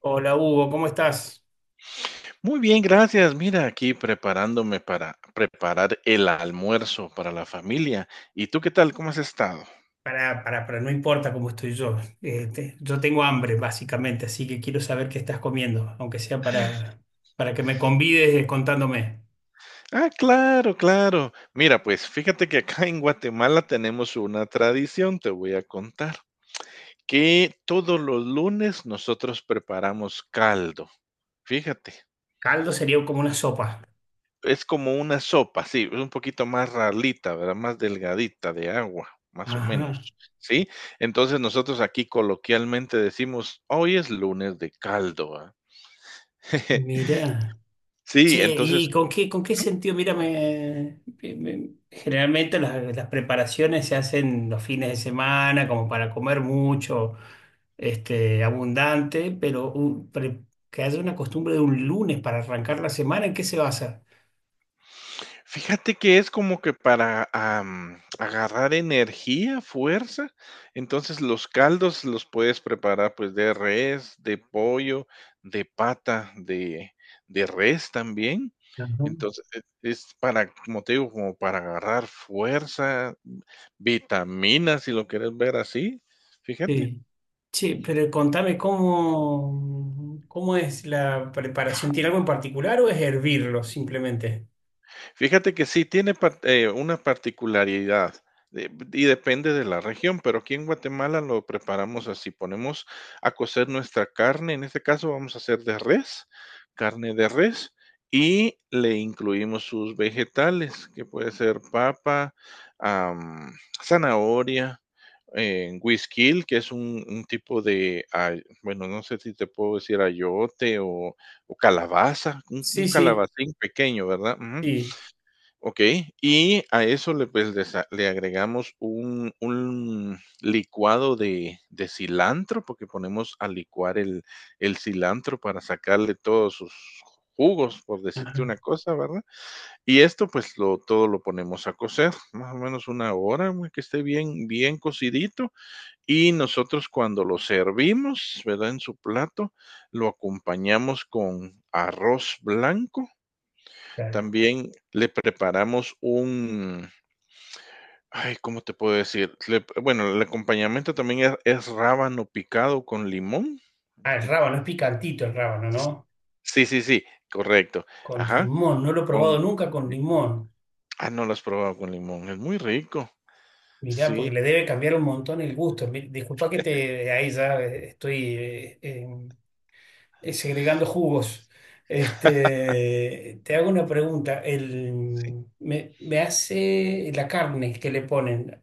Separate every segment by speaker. Speaker 1: Hola Hugo, ¿cómo estás?
Speaker 2: Muy bien, gracias. Mira, aquí preparándome para preparar el almuerzo para la familia. ¿Y tú qué tal? ¿Cómo has estado?
Speaker 1: Para, no importa cómo estoy yo. Yo tengo hambre, básicamente, así que quiero saber qué estás comiendo, aunque sea para que me convides contándome.
Speaker 2: Ah, claro, claro. Mira, pues fíjate que acá en Guatemala tenemos una tradición, te voy a contar, que todos los lunes nosotros preparamos caldo. Fíjate.
Speaker 1: Caldo sería como una sopa.
Speaker 2: Es como una sopa, sí, es un poquito más ralita, ¿verdad? Más delgadita de agua, más o
Speaker 1: Ajá,
Speaker 2: menos, ¿sí? Entonces nosotros aquí coloquialmente decimos, hoy es lunes de caldo, ¿ah?
Speaker 1: mira.
Speaker 2: Sí,
Speaker 1: Che,
Speaker 2: entonces
Speaker 1: ¿y con qué sentido? Mira, generalmente las preparaciones se hacen los fines de semana, como para comer mucho. Este, abundante, pero, que haya una costumbre de un lunes para arrancar la semana, ¿en qué se basa?
Speaker 2: fíjate que es como que para, agarrar energía, fuerza. Entonces, los caldos los puedes preparar, pues, de res, de pollo, de pata, de res también.
Speaker 1: Ajá.
Speaker 2: Entonces, es para, como te digo, como para agarrar fuerza, vitaminas, si lo quieres ver así, fíjate.
Speaker 1: Sí. Che, pero contame cómo es la preparación. ¿Tiene algo en particular o es hervirlo simplemente?
Speaker 2: Fíjate que sí tiene par una particularidad, de y depende de la región, pero aquí en Guatemala lo preparamos así, ponemos a cocer nuestra carne, en este caso vamos a hacer de res, carne de res, y le incluimos sus vegetales, que puede ser papa, am, zanahoria, güisquil, que es un tipo de, ay, bueno, no sé si te puedo decir ayote o calabaza, un
Speaker 1: Sí, sí,
Speaker 2: calabacín pequeño, ¿verdad? Ujú.
Speaker 1: sí.
Speaker 2: Ok, y a eso le, pues, le agregamos un licuado de cilantro, porque ponemos a licuar el cilantro para sacarle todos sus jugos, por decirte
Speaker 1: Ajá.
Speaker 2: una cosa, ¿verdad? Y esto, pues, lo todo lo ponemos a cocer, más o menos una hora, güey, que esté bien cocidito, y nosotros cuando lo servimos, ¿verdad?, en su plato, lo acompañamos con arroz blanco,
Speaker 1: Claro.
Speaker 2: también le preparamos un, ay, ¿cómo te puedo decir? Bueno, el acompañamiento también es rábano picado con limón.
Speaker 1: Ah, el rábano, es picantito el rábano,
Speaker 2: S-
Speaker 1: ¿no?
Speaker 2: Sí, sí, sí, correcto.
Speaker 1: Con
Speaker 2: Ajá,
Speaker 1: limón, no lo he probado
Speaker 2: con,
Speaker 1: nunca con limón.
Speaker 2: ah, no lo has probado con limón, es muy rico.
Speaker 1: Mirá, porque
Speaker 2: Sí,
Speaker 1: le debe cambiar un montón el gusto. Disculpa que te ahí ya estoy segregando jugos. Este, te hago una pregunta.
Speaker 2: sí.
Speaker 1: Me hace la carne que le ponen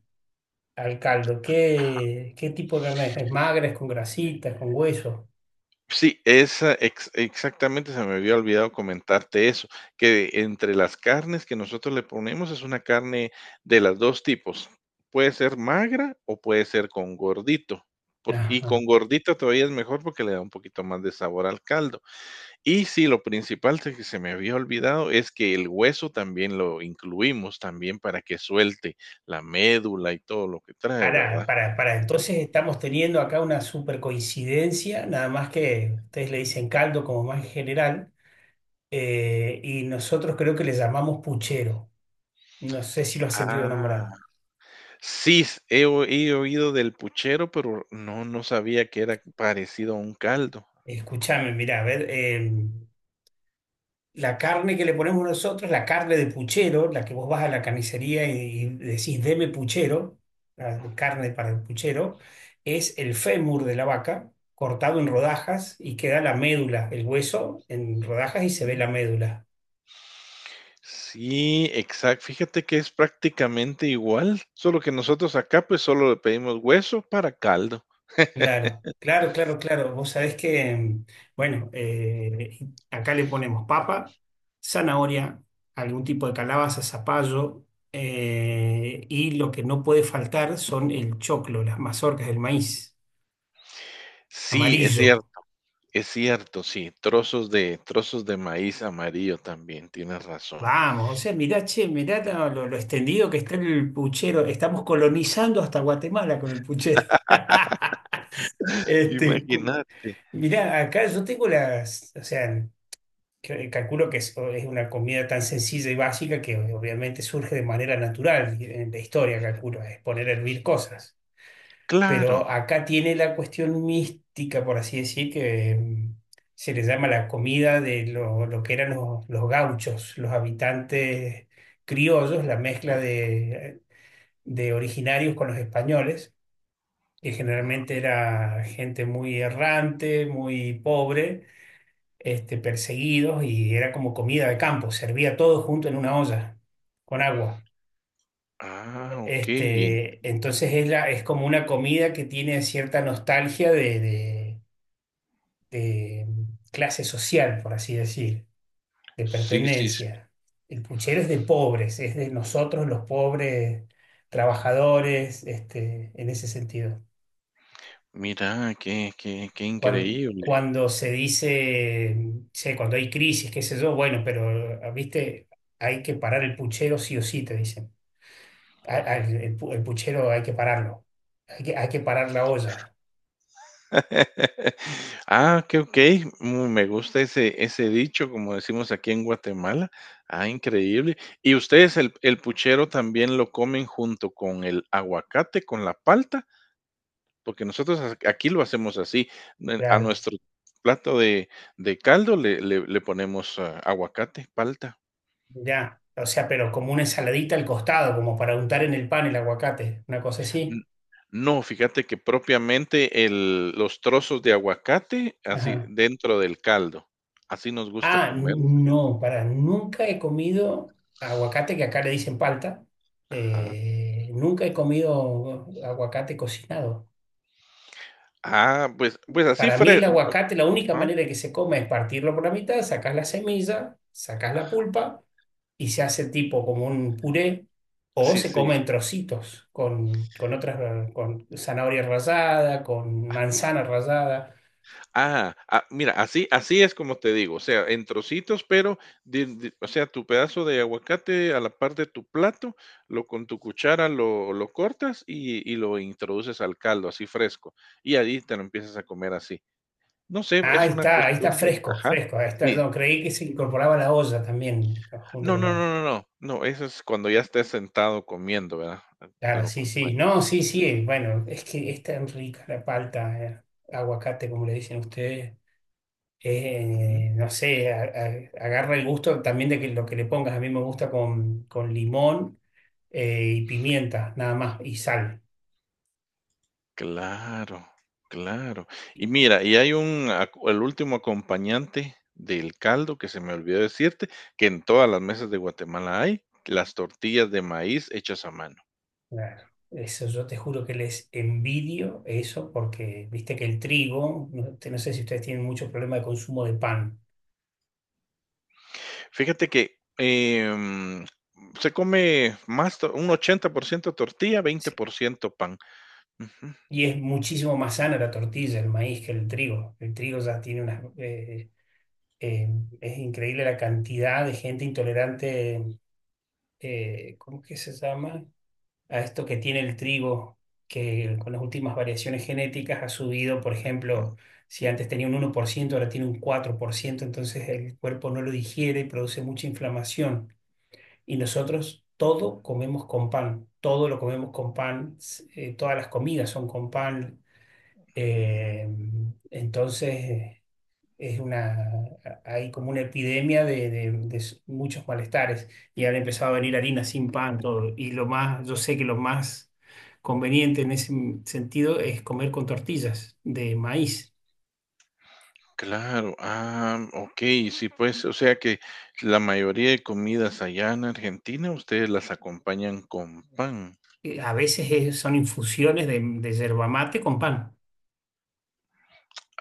Speaker 1: al caldo. ¿Qué tipo de carne es? ¿Es magra? ¿Es con grasitas? ¿Con hueso?
Speaker 2: Sí, esa ex exactamente se me había olvidado comentarte eso, que entre las carnes que nosotros le ponemos es una carne de las 2 tipos, puede ser magra o puede ser con gordito, por y
Speaker 1: Ajá.
Speaker 2: con gordito todavía es mejor porque le da un poquito más de sabor al caldo. Y sí, lo principal se que se me había olvidado es que el hueso también lo incluimos, también para que suelte la médula y todo lo que trae,
Speaker 1: Pará,
Speaker 2: ¿verdad?
Speaker 1: pará, pará. Entonces estamos teniendo acá una super coincidencia, nada más que ustedes le dicen caldo como más en general, y nosotros creo que le llamamos puchero. No sé si lo has sentido nombrar.
Speaker 2: Ah. Sí, he oído del puchero, pero no, no sabía que era parecido a un caldo.
Speaker 1: Escúchame, mirá, a ver. La carne que le ponemos nosotros, la carne de puchero, la que vos vas a la carnicería y decís, deme puchero, la carne para el puchero, es el fémur de la vaca cortado en rodajas y queda la médula, el hueso en rodajas y se ve
Speaker 2: Ujú.
Speaker 1: la médula.
Speaker 2: Sí, exacto. Fíjate que es prácticamente igual, solo que nosotros acá pues solo le pedimos hueso para caldo.
Speaker 1: Claro, claro, claro, claro. Vos sabés que, bueno, acá le ponemos papa, zanahoria, algún tipo de calabaza, zapallo, y lo que no puede faltar son el choclo, las mazorcas del maíz
Speaker 2: Sí,
Speaker 1: amarillo.
Speaker 2: es cierto, sí, trozos de maíz amarillo también, tienes razón.
Speaker 1: Vamos, o sea, mirá, che, mirá lo extendido que está el puchero. Estamos colonizando hasta Guatemala con el puchero. Este, cu-
Speaker 2: Imagínate,
Speaker 1: Mirá, acá yo tengo las, o sea, que- calculo que es una comida tan sencilla y básica que obviamente surge de manera natural en la historia, calculo, es poner a hervir cosas.
Speaker 2: claro.
Speaker 1: Pero acá tiene la cuestión mística, por así decir, que se le llama la comida de lo que eran los gauchos, los habitantes criollos, la mezcla de, originarios con los españoles, que generalmente era gente muy errante, muy pobre, perseguidos, y era como comida de campo, servía todo junto en una olla con agua.
Speaker 2: Ah, ok.
Speaker 1: Este, entonces es, la- es como una comida que tiene cierta nostalgia de clase social, por así decir, de
Speaker 2: Sí, sí, sí.
Speaker 1: pertenencia. El puchero es de pobres, es de nosotros los pobres trabajadores, en ese sentido.
Speaker 2: Mira, qué increíble.
Speaker 1: Cuando se dice, che, cuando hay crisis, qué sé yo, bueno, pero, ah, viste, hay que parar el puchero sí o sí, te dicen. El el puchero hay que pararlo, hay que parar la olla,
Speaker 2: Ah, okey, okey. Mm, me gusta ese dicho, como decimos aquí en Guatemala. Ah, increíble. ¿Y ustedes el puchero también lo comen junto con el aguacate, con la palta? Porque nosotros ac aquí lo hacemos así, n a
Speaker 1: claro,
Speaker 2: nuestro plato de caldo le ponemos, ah, aguacate, palta.
Speaker 1: ya. O sea, pero como una ensaladita al costado, como para untar en el pan el aguacate, una cosa
Speaker 2: N
Speaker 1: así.
Speaker 2: No, fíjate que propiamente el los trozos de aguacate así
Speaker 1: Ajá.
Speaker 2: dentro del caldo. Así nos gusta
Speaker 1: Ah,
Speaker 2: comerlo, fíjate.
Speaker 1: no, para, nunca he comido aguacate, que acá le dicen palta.
Speaker 2: Ajá.
Speaker 1: Nunca he comido aguacate cocinado.
Speaker 2: Ah, pues pues así
Speaker 1: Para mí
Speaker 2: fre
Speaker 1: el aguacate, la única
Speaker 2: ajá,
Speaker 1: manera de que se come es partirlo por la mitad, sacas la semilla, sacas la
Speaker 2: ah,
Speaker 1: pulpa y se hace tipo como un puré, o
Speaker 2: sí,
Speaker 1: se
Speaker 2: sí.
Speaker 1: come en trocitos con otras, con zanahoria rallada, con manzana rallada.
Speaker 2: Ah, ah, mira, así así es como te digo, o sea, en trocitos, pero de o sea, tu pedazo de aguacate a la par de tu plato, lo con tu cuchara lo cortas y lo introduces al caldo, así fresco, y ahí te lo empiezas a comer así. No sé,
Speaker 1: Ah,
Speaker 2: es una
Speaker 1: ahí está
Speaker 2: costumbre,
Speaker 1: fresco,
Speaker 2: ajá,
Speaker 1: fresco. Ahí está,
Speaker 2: sí.
Speaker 1: yo creí que se incorporaba a la olla también junto
Speaker 2: No,
Speaker 1: con
Speaker 2: no,
Speaker 1: la...
Speaker 2: no, no, no, no, eso es cuando ya estés sentado comiendo, ¿verdad?
Speaker 1: Claro,
Speaker 2: Lo
Speaker 1: sí, sí. No,
Speaker 2: acompañas.
Speaker 1: sí, sí. Bueno, es que es tan rica la palta, aguacate, como le dicen ustedes.
Speaker 2: Mm.
Speaker 1: No sé, agarra el gusto también de que lo que le pongas. A mí me gusta con limón, y pimienta, nada más, y sal.
Speaker 2: Claro, claro. Y mira, y hay un aco el último acompañante del caldo que se me olvidó decirte, que en todas las mesas de Guatemala hay, las tortillas de maíz hechas a mano.
Speaker 1: Claro. Eso yo te juro que les envidio eso porque viste que el trigo, no, te- no sé si ustedes tienen mucho problema de consumo de pan.
Speaker 2: Fíjate que, se come más to un 80% tortilla,
Speaker 1: Sí.
Speaker 2: 20% pan. Ujú.
Speaker 1: Y es muchísimo más sana la tortilla, el maíz que el trigo. El trigo ya tiene unas... eh, es increíble la cantidad de gente intolerante, ¿cómo que se llama? A esto que tiene el trigo, que con las últimas variaciones genéticas ha subido, por ejemplo, si antes tenía un 1%, ahora tiene un 4%, entonces el cuerpo no lo digiere y produce mucha inflamación. Y nosotros todo comemos con pan, todo lo comemos con pan, todas las comidas son con pan.
Speaker 2: Mm,
Speaker 1: eh, entonces es una, hay como una epidemia de, de muchos malestares, y han empezado a venir harinas sin pan, todo. Y lo más, yo sé que lo más conveniente en ese sentido es comer con tortillas de maíz.
Speaker 2: claro. Ah, okey, sí, pues, o sea que la mayoría de comidas allá en Argentina, ustedes las acompañan con pan.
Speaker 1: A veces son infusiones de, yerba mate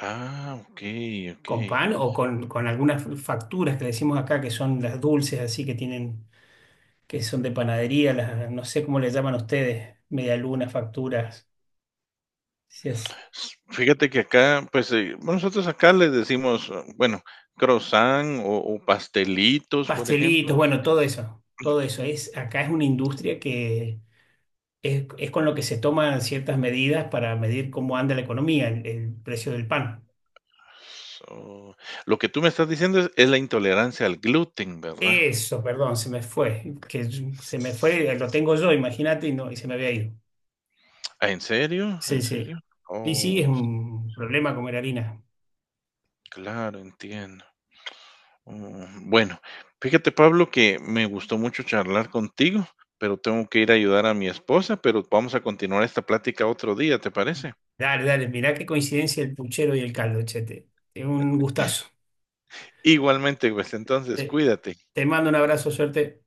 Speaker 2: Ah, okey,
Speaker 1: con
Speaker 2: okey.
Speaker 1: pan o con algunas facturas que le decimos acá que son las dulces así que tienen, que son de panadería, las, no sé cómo le llaman ustedes, medialunas, facturas. Si es-
Speaker 2: S Fíjate que acá, pues, bueno, nosotros acá le decimos, ah, bueno, croissant o pastelitos, por ejemplo.
Speaker 1: Pastelitos, bueno, todo eso, todo eso.
Speaker 2: Mm.
Speaker 1: Es, acá es una industria que es con lo que se toman ciertas medidas para medir cómo anda la economía, el precio del pan.
Speaker 2: So, lo que tú me estás diciendo es la intolerancia al gluten, ¿verdad?
Speaker 1: Eso, perdón, se me fue, que se me fue,
Speaker 2: Sí.
Speaker 1: lo tengo yo, imagínate, y no, y se me había ido.
Speaker 2: Ah, ¿en serio?
Speaker 1: Sí,
Speaker 2: ¿En
Speaker 1: sí.
Speaker 2: serio?
Speaker 1: Y sí, es
Speaker 2: Oh, sí,
Speaker 1: un problema comer harina.
Speaker 2: claro, entiendo. Mm, bueno, fíjate, Pablo, que me gustó mucho charlar contigo, pero tengo que ir a ayudar a mi esposa, pero vamos a continuar esta plática otro día, ¿te parece?
Speaker 1: Dale, dale, mirá qué coincidencia el puchero y el caldo, chete. Es un gustazo.
Speaker 2: Igualmente, pues entonces
Speaker 1: Te,
Speaker 2: cuídate.
Speaker 1: te mando un abrazo, suerte.